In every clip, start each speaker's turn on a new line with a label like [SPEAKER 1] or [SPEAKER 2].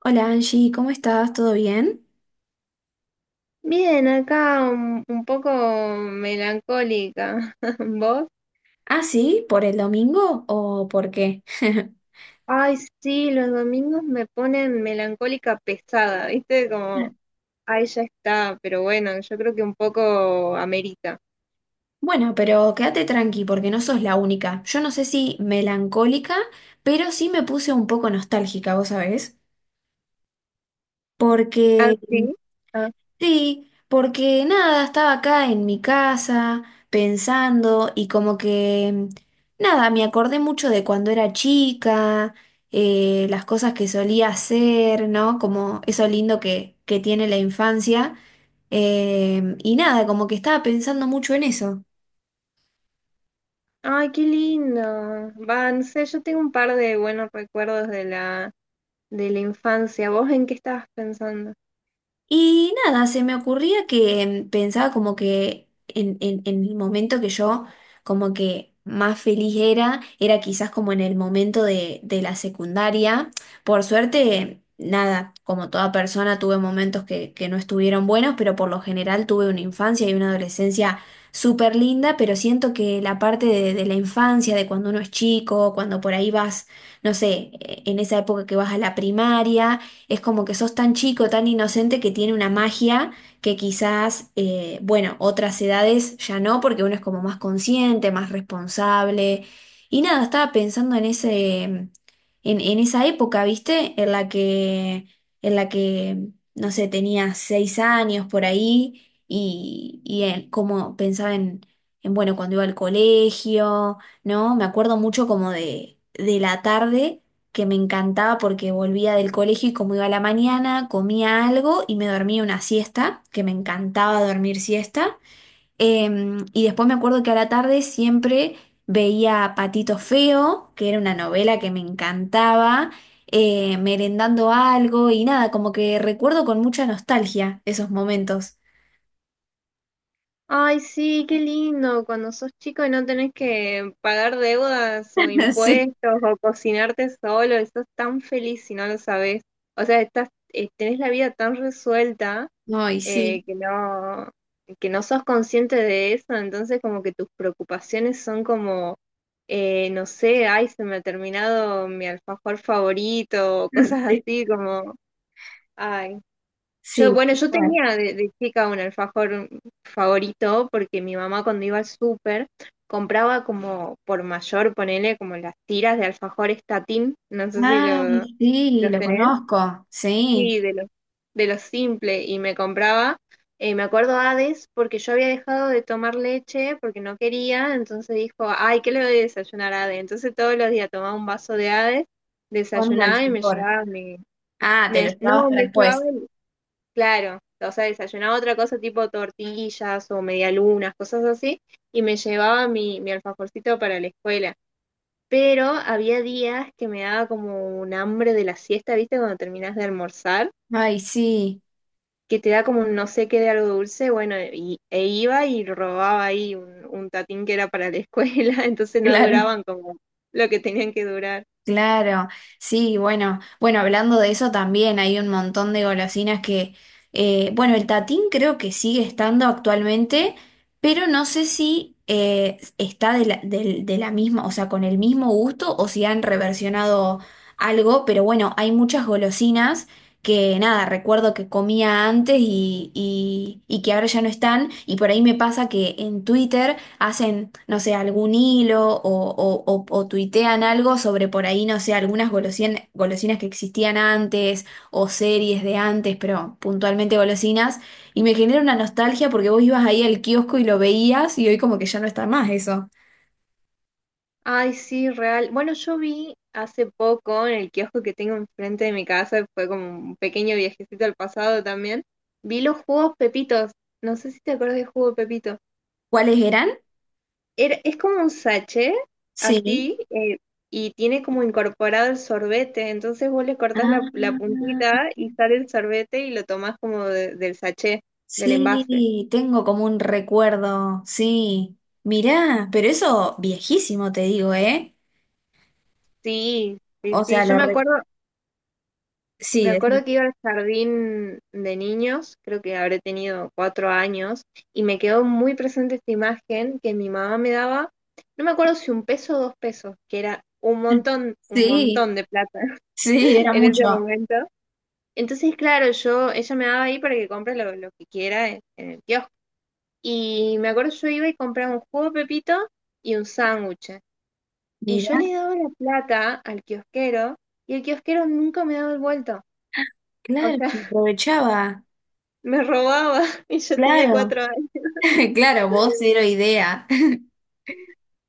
[SPEAKER 1] Hola Angie, ¿cómo estás? ¿Todo bien?
[SPEAKER 2] Bien, acá un poco melancólica. ¿Vos?
[SPEAKER 1] Ah, sí, ¿por el domingo o por qué?
[SPEAKER 2] Ay, sí, los domingos me ponen melancólica pesada, ¿viste? Como, ay, ya está, pero bueno, yo creo que un poco amerita.
[SPEAKER 1] Bueno, pero quédate tranqui porque no sos la única. Yo no sé si melancólica, pero sí me puse un poco nostálgica, ¿vos sabés?
[SPEAKER 2] ¿Ah,
[SPEAKER 1] Porque
[SPEAKER 2] sí? Ah.
[SPEAKER 1] sí, porque nada, estaba acá en mi casa pensando y como que nada, me acordé mucho de cuando era chica, las cosas que solía hacer, ¿no? Como eso lindo que tiene la infancia. Y nada, como que estaba pensando mucho en eso.
[SPEAKER 2] Ay, qué lindo. Va, no sé, yo tengo un par de buenos recuerdos de de la infancia. ¿Vos en qué estabas pensando?
[SPEAKER 1] Y nada, se me ocurría que pensaba como que en el momento que yo como que más feliz era, era quizás como en el momento de la secundaria. Por suerte, nada, como toda persona tuve momentos que no estuvieron buenos, pero por lo general tuve una infancia y una adolescencia súper linda, pero siento que la parte de la infancia, de cuando uno es chico, cuando por ahí vas, no sé, en esa época que vas a la primaria es como que sos tan chico, tan inocente que tiene una magia que quizás, bueno, otras edades ya no, porque uno es como más consciente, más responsable. Y nada, estaba pensando en en esa época, ¿viste? En la que, no sé, tenía 6 años por ahí y como pensaba bueno, cuando iba al colegio, ¿no? Me acuerdo mucho como de la tarde que me encantaba porque volvía del colegio y como iba a la mañana, comía algo y me dormía una siesta, que me encantaba dormir siesta. Y después me acuerdo que a la tarde siempre veía Patito Feo, que era una novela que me encantaba, merendando algo y nada, como que recuerdo con mucha nostalgia esos momentos.
[SPEAKER 2] Ay, sí, qué lindo, cuando sos chico y no tenés que pagar deudas o
[SPEAKER 1] Sí,
[SPEAKER 2] impuestos o cocinarte solo, estás tan feliz si no lo sabés. O sea, estás, tenés la vida tan resuelta
[SPEAKER 1] ay,
[SPEAKER 2] eh,
[SPEAKER 1] sí.
[SPEAKER 2] que no, que no sos consciente de eso, entonces como que tus preocupaciones son como, no sé, ay, se me ha terminado mi alfajor favorito, o cosas
[SPEAKER 1] Sí,
[SPEAKER 2] así como, ay. Yo,
[SPEAKER 1] sí,
[SPEAKER 2] bueno,
[SPEAKER 1] tal
[SPEAKER 2] yo
[SPEAKER 1] cual.
[SPEAKER 2] tenía de chica un alfajor favorito porque mi mamá cuando iba al súper compraba como por mayor, ponele como las tiras de alfajor estatín, no sé si lo,
[SPEAKER 1] Ay, sí,
[SPEAKER 2] los
[SPEAKER 1] lo
[SPEAKER 2] tenés,
[SPEAKER 1] conozco, sí,
[SPEAKER 2] sí, de los simple y me compraba, me acuerdo Hades porque yo había dejado de tomar leche porque no quería, entonces dijo, ay, ¿qué le doy a desayunar a Hades? Entonces todos los días tomaba un vaso de Hades,
[SPEAKER 1] con un
[SPEAKER 2] desayunaba y me
[SPEAKER 1] alfajor.
[SPEAKER 2] llevaba mi,
[SPEAKER 1] Ah, te lo
[SPEAKER 2] me,
[SPEAKER 1] llevabas
[SPEAKER 2] no,
[SPEAKER 1] para
[SPEAKER 2] me llevaba.
[SPEAKER 1] después.
[SPEAKER 2] Claro, o sea, desayunaba otra cosa tipo tortillas o medialunas, cosas así, y me llevaba mi alfajorcito para la escuela. Pero había días que me daba como un hambre de la siesta, ¿viste? Cuando terminas de almorzar,
[SPEAKER 1] Ay, sí,
[SPEAKER 2] que te da como un no sé qué de algo dulce, bueno, y, e iba y robaba ahí un tatín que era para la escuela, entonces no
[SPEAKER 1] claro,
[SPEAKER 2] duraban como lo que tenían que durar.
[SPEAKER 1] claro. Sí, bueno, bueno, hablando de eso también hay un montón de golosinas que, bueno, el tatín creo que sigue estando actualmente, pero no sé si está de la misma, o sea, con el mismo gusto o si han reversionado algo, pero bueno, hay muchas golosinas que nada, recuerdo que comía antes y que ahora ya no están, y por ahí me pasa que en Twitter hacen, no sé, algún hilo o tuitean algo sobre por ahí, no sé, algunas golosinas que existían antes o series de antes, pero puntualmente golosinas, y me genera una nostalgia porque vos ibas ahí al kiosco y lo veías y hoy como que ya no está más eso.
[SPEAKER 2] Ay, sí, real. Bueno, yo vi hace poco en el kiosco que tengo enfrente de mi casa, fue como un pequeño viajecito al pasado también, vi los jugos Pepitos. No sé si te acuerdas del jugo Pepito.
[SPEAKER 1] ¿Cuáles eran?
[SPEAKER 2] Es como un sachet,
[SPEAKER 1] Sí.
[SPEAKER 2] así, y tiene como incorporado el sorbete. Entonces vos le cortás la
[SPEAKER 1] Ah.
[SPEAKER 2] puntita y sale el sorbete y lo tomás del sachet, del envase.
[SPEAKER 1] Sí, tengo como un recuerdo, sí. Mirá, pero eso viejísimo te digo, ¿eh?
[SPEAKER 2] Sí, sí,
[SPEAKER 1] O
[SPEAKER 2] sí.
[SPEAKER 1] sea,
[SPEAKER 2] Yo me acuerdo.
[SPEAKER 1] sí,
[SPEAKER 2] Me acuerdo que iba al jardín de niños, creo que habré tenido 4 años, y me quedó muy presente esta imagen que mi mamá me daba, no me acuerdo si un peso o dos pesos, que era un
[SPEAKER 1] sí,
[SPEAKER 2] montón de plata
[SPEAKER 1] sí, era
[SPEAKER 2] en ese
[SPEAKER 1] mucho.
[SPEAKER 2] momento. Entonces, claro, yo, ella me daba ahí para que compre lo que quiera en el kiosco. Y me acuerdo yo iba y compraba un jugo de Pepito y un sándwich. Y yo
[SPEAKER 1] Mirá,
[SPEAKER 2] le daba la plata al kiosquero y el kiosquero nunca me daba el vuelto. O
[SPEAKER 1] claro, se
[SPEAKER 2] sea,
[SPEAKER 1] aprovechaba,
[SPEAKER 2] me robaba y yo tenía
[SPEAKER 1] claro,
[SPEAKER 2] 4 años.
[SPEAKER 1] claro, vos cero idea.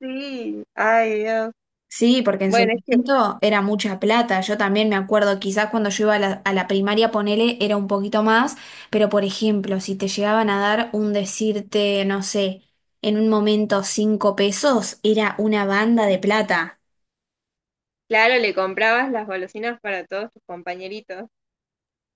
[SPEAKER 2] Sí, ay Dios.
[SPEAKER 1] Sí, porque en su
[SPEAKER 2] Bueno, es que,
[SPEAKER 1] momento era mucha plata. Yo también me acuerdo, quizás cuando yo iba a la primaria, ponele, era un poquito más, pero por ejemplo, si te llegaban a dar un decirte, no sé, en un momento 5 pesos, era una banda de plata.
[SPEAKER 2] claro, le comprabas las golosinas para todos tus compañeritos.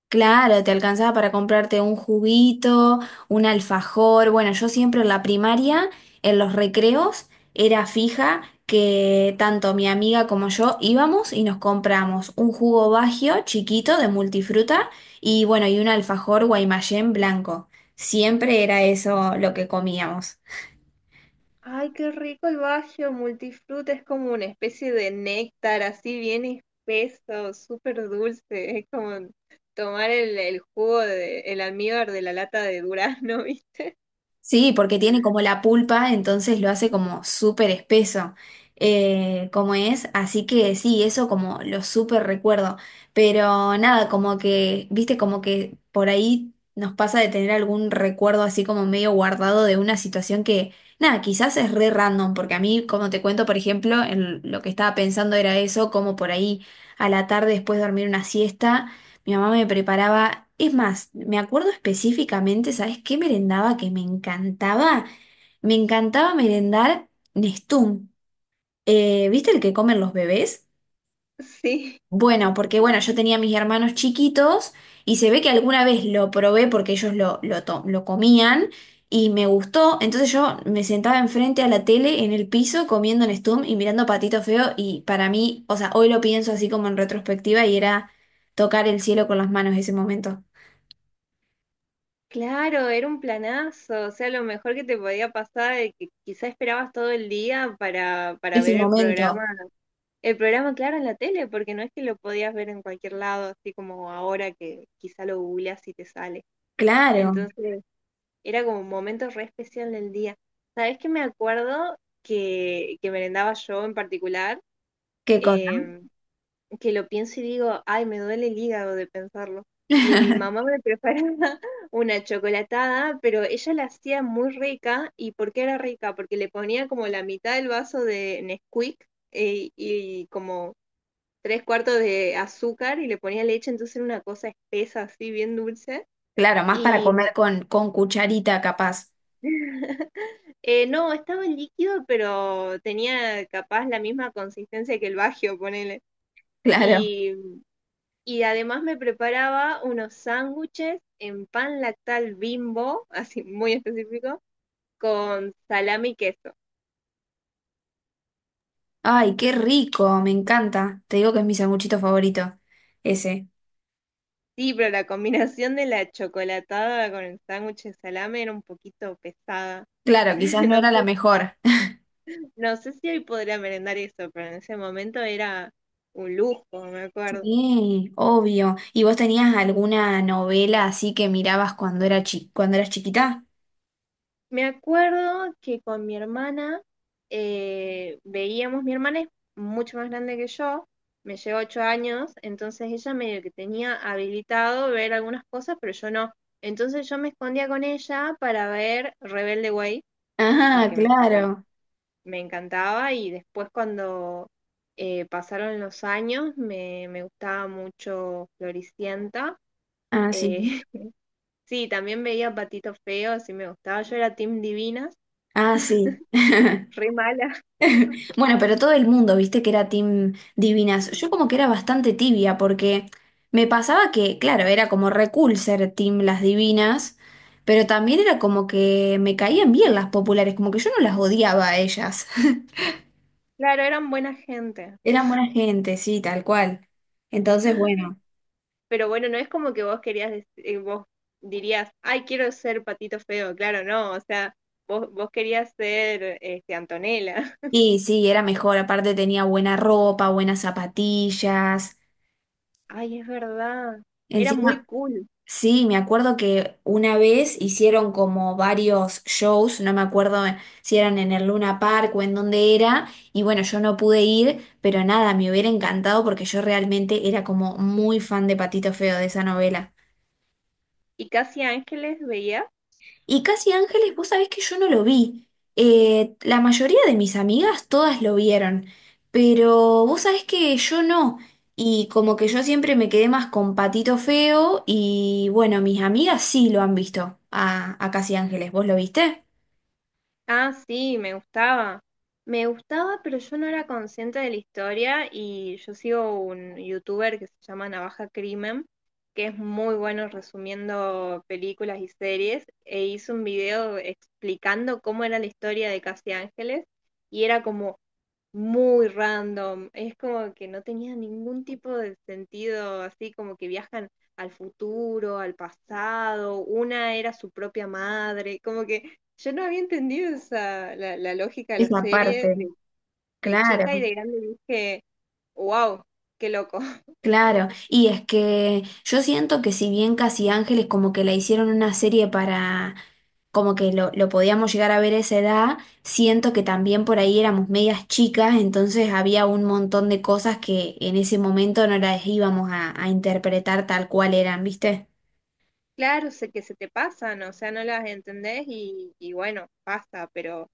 [SPEAKER 1] Claro, te alcanzaba para comprarte un juguito, un alfajor. Bueno, yo siempre en la primaria, en los recreos, era fija que tanto mi amiga como yo íbamos y nos compramos un jugo Baggio chiquito de multifruta y bueno, y un alfajor Guaymallén blanco. Siempre era eso lo que comíamos.
[SPEAKER 2] Ay, qué rico el Baggio Multifruta, es como una especie de néctar, así bien espeso, súper dulce, es como tomar el jugo de, el almíbar de la lata de durazno, ¿viste?
[SPEAKER 1] Sí, porque tiene como la pulpa, entonces lo hace como súper espeso, como es, así que sí, eso como lo súper recuerdo, pero nada, como que, viste, como que por ahí nos pasa de tener algún recuerdo así como medio guardado de una situación que, nada, quizás es re random, porque a mí, como te cuento, por ejemplo, en lo que estaba pensando era eso, como por ahí a la tarde después de dormir una siesta. Mi mamá me preparaba, es más, me acuerdo específicamente, ¿sabes qué merendaba que me encantaba? Me encantaba merendar Nestum. ¿Viste el que comen los bebés?
[SPEAKER 2] Sí,
[SPEAKER 1] Bueno, porque bueno, yo tenía mis hermanos chiquitos y se ve que alguna vez lo probé porque ellos lo comían y me gustó. Entonces yo me sentaba enfrente a la tele en el piso comiendo Nestum y mirando Patito Feo y para mí, o sea, hoy lo pienso así como en retrospectiva y era tocar el cielo con las manos ese momento.
[SPEAKER 2] claro, era un planazo, o sea, lo mejor que te podía pasar es que quizá esperabas todo el día para
[SPEAKER 1] Ese
[SPEAKER 2] ver el programa.
[SPEAKER 1] momento.
[SPEAKER 2] El programa, claro, en la tele, porque no es que lo podías ver en cualquier lado, así como ahora que quizá lo googleas y te sale.
[SPEAKER 1] Claro,
[SPEAKER 2] Entonces, era como un momento re especial del día. ¿Sabes qué me acuerdo que merendaba yo en particular?
[SPEAKER 1] qué cosa.
[SPEAKER 2] Eh, que lo pienso y digo, ay, me duele el hígado de pensarlo. Mi mamá me preparaba una chocolatada, pero ella la hacía muy rica. ¿Y por qué era rica? Porque le ponía como la mitad del vaso de Nesquik, y como tres cuartos de azúcar y le ponía leche, entonces era una cosa espesa, así, bien dulce.
[SPEAKER 1] Claro, más para
[SPEAKER 2] Y me-
[SPEAKER 1] comer con cucharita capaz.
[SPEAKER 2] No, estaba en líquido, pero tenía capaz la misma consistencia que el Baggio, ponele.
[SPEAKER 1] Claro.
[SPEAKER 2] Y, y además me preparaba unos sándwiches en pan lactal Bimbo, así muy específico, con salami y queso.
[SPEAKER 1] Ay, qué rico, me encanta. Te digo que es mi sanguchito favorito, ese.
[SPEAKER 2] Sí, pero la combinación de la chocolatada con el sándwich de salame era un poquito pesada.
[SPEAKER 1] Claro, quizás no
[SPEAKER 2] No
[SPEAKER 1] era la
[SPEAKER 2] sé.
[SPEAKER 1] mejor.
[SPEAKER 2] No sé si hoy podría merendar eso, pero en ese momento era un lujo, me acuerdo.
[SPEAKER 1] Sí, obvio. ¿Y vos tenías alguna novela así que mirabas cuando era cuando eras chiquita?
[SPEAKER 2] Me acuerdo que con mi hermana veíamos, mi hermana es mucho más grande que yo, me lleva 8 años, entonces ella medio que tenía habilitado ver algunas cosas, pero yo no. Entonces yo me escondía con ella para ver Rebelde Way,
[SPEAKER 1] Ah,
[SPEAKER 2] que me encan-
[SPEAKER 1] claro.
[SPEAKER 2] me encantaba, y después cuando pasaron los años me gustaba mucho Floricienta.
[SPEAKER 1] Ah, sí.
[SPEAKER 2] Eh, sí, también veía Patitos Feos, sí me gustaba. Yo era Team Divinas,
[SPEAKER 1] Ah, sí.
[SPEAKER 2] re mala.
[SPEAKER 1] Bueno, pero todo el mundo, viste que era Team Divinas. Yo como que era bastante tibia porque me pasaba que, claro, era como re cool ser Team Las Divinas, pero también era como que me caían bien las populares, como que yo no las odiaba a ellas.
[SPEAKER 2] Claro, eran buena gente.
[SPEAKER 1] Eran buena gente, sí, tal cual. Entonces, bueno,
[SPEAKER 2] Pero bueno, no es como que vos querías, vos dirías, ay, quiero ser Patito Feo. Claro, no, o sea, vos querías ser este, Antonella.
[SPEAKER 1] y sí, era mejor. Aparte tenía buena ropa, buenas zapatillas.
[SPEAKER 2] Ay, es verdad. Era muy
[SPEAKER 1] Encima,
[SPEAKER 2] cool.
[SPEAKER 1] sí, me acuerdo que una vez hicieron como varios shows, no me acuerdo si eran en el Luna Park o en dónde era, y bueno, yo no pude ir, pero nada, me hubiera encantado porque yo realmente era como muy fan de Patito Feo de esa novela.
[SPEAKER 2] ¿Y Casi Ángeles veías?
[SPEAKER 1] Y Casi Ángeles, vos sabés que yo no lo vi. La mayoría de mis amigas todas lo vieron, pero vos sabés que yo no. Y como que yo siempre me quedé más con Patito Feo y bueno, mis amigas sí lo han visto a Casi Ángeles. ¿Vos lo viste?
[SPEAKER 2] Ah, sí, me gustaba. Me gustaba, pero yo no era consciente de la historia y yo sigo un youtuber que se llama Navaja Crimen, que es muy bueno resumiendo películas y series, e hizo un video explicando cómo era la historia de Casi Ángeles y era como, muy random. Es como que no tenía ningún tipo de sentido, así como que viajan al futuro, al pasado, una era su propia madre, como que yo no había entendido esa, la lógica de la
[SPEAKER 1] Esa
[SPEAKER 2] serie
[SPEAKER 1] parte,
[SPEAKER 2] de chica y
[SPEAKER 1] claro,
[SPEAKER 2] de grande dije, wow, qué loco.
[SPEAKER 1] claro. Y es que yo siento que si bien Casi Ángeles como que la hicieron una serie para como que lo podíamos llegar a ver a esa edad, siento que también por ahí éramos medias chicas, entonces había un montón de cosas que en ese momento no las íbamos a interpretar tal cual eran, ¿viste?
[SPEAKER 2] Claro, sé que se te pasan, o sea, no las entendés y bueno, pasa,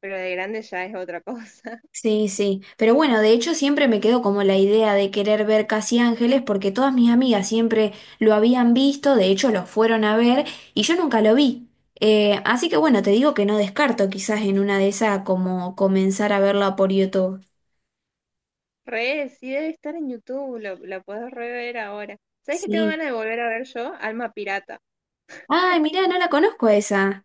[SPEAKER 2] pero de grande ya es otra cosa.
[SPEAKER 1] Sí, sí, pero bueno, de hecho siempre me quedó como la idea de querer ver Casi Ángeles porque todas mis amigas siempre lo habían visto, de hecho lo fueron a ver y yo nunca lo vi. Así que bueno, te digo que no descarto quizás en una de esas como comenzar a verla por YouTube.
[SPEAKER 2] Re, sí debe estar en YouTube, lo, la puedes rever ahora. ¿Sabes qué tengo
[SPEAKER 1] Sí.
[SPEAKER 2] ganas de volver a ver yo? Alma Pirata.
[SPEAKER 1] Ay, mirá, no la conozco esa.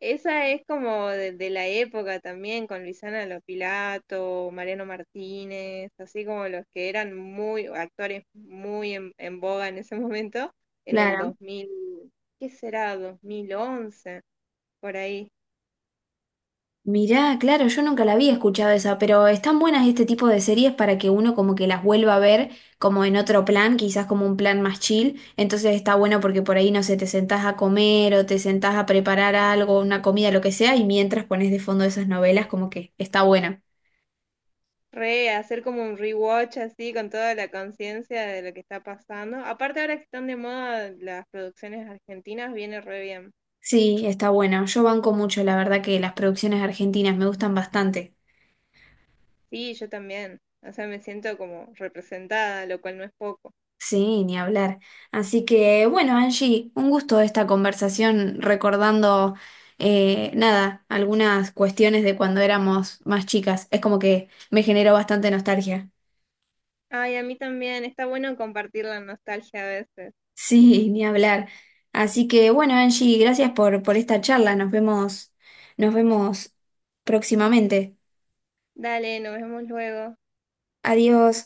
[SPEAKER 2] Esa es como de la época también, con Luisana Lopilato, Mariano Martínez, así como los que eran muy, actores muy en boga en ese momento, en el
[SPEAKER 1] Claro.
[SPEAKER 2] 2000, ¿qué será? 2011, por ahí.
[SPEAKER 1] Mirá, claro, yo nunca la había escuchado esa, pero están buenas este tipo de series para que uno como que las vuelva a ver como en otro plan, quizás como un plan más chill. Entonces está bueno porque por ahí, no sé, te sentás a comer o te sentás a preparar algo, una comida, lo que sea, y mientras pones de fondo esas novelas, como que está buena.
[SPEAKER 2] Re, hacer como un rewatch así con toda la conciencia de lo que está pasando. Aparte ahora que están de moda las producciones argentinas, viene re bien.
[SPEAKER 1] Sí, está buena. Yo banco mucho, la verdad que las producciones argentinas me gustan bastante.
[SPEAKER 2] Sí, yo también. O sea, me siento como representada, lo cual no es poco.
[SPEAKER 1] Sí, ni hablar. Así que bueno, Angie, un gusto esta conversación recordando, nada, algunas cuestiones de cuando éramos más chicas. Es como que me generó bastante nostalgia.
[SPEAKER 2] Ay, a mí también. Está bueno compartir la nostalgia a veces.
[SPEAKER 1] Sí, ni hablar. Así que bueno, Angie, gracias por esta charla. Nos vemos próximamente.
[SPEAKER 2] Dale, nos vemos luego.
[SPEAKER 1] Adiós.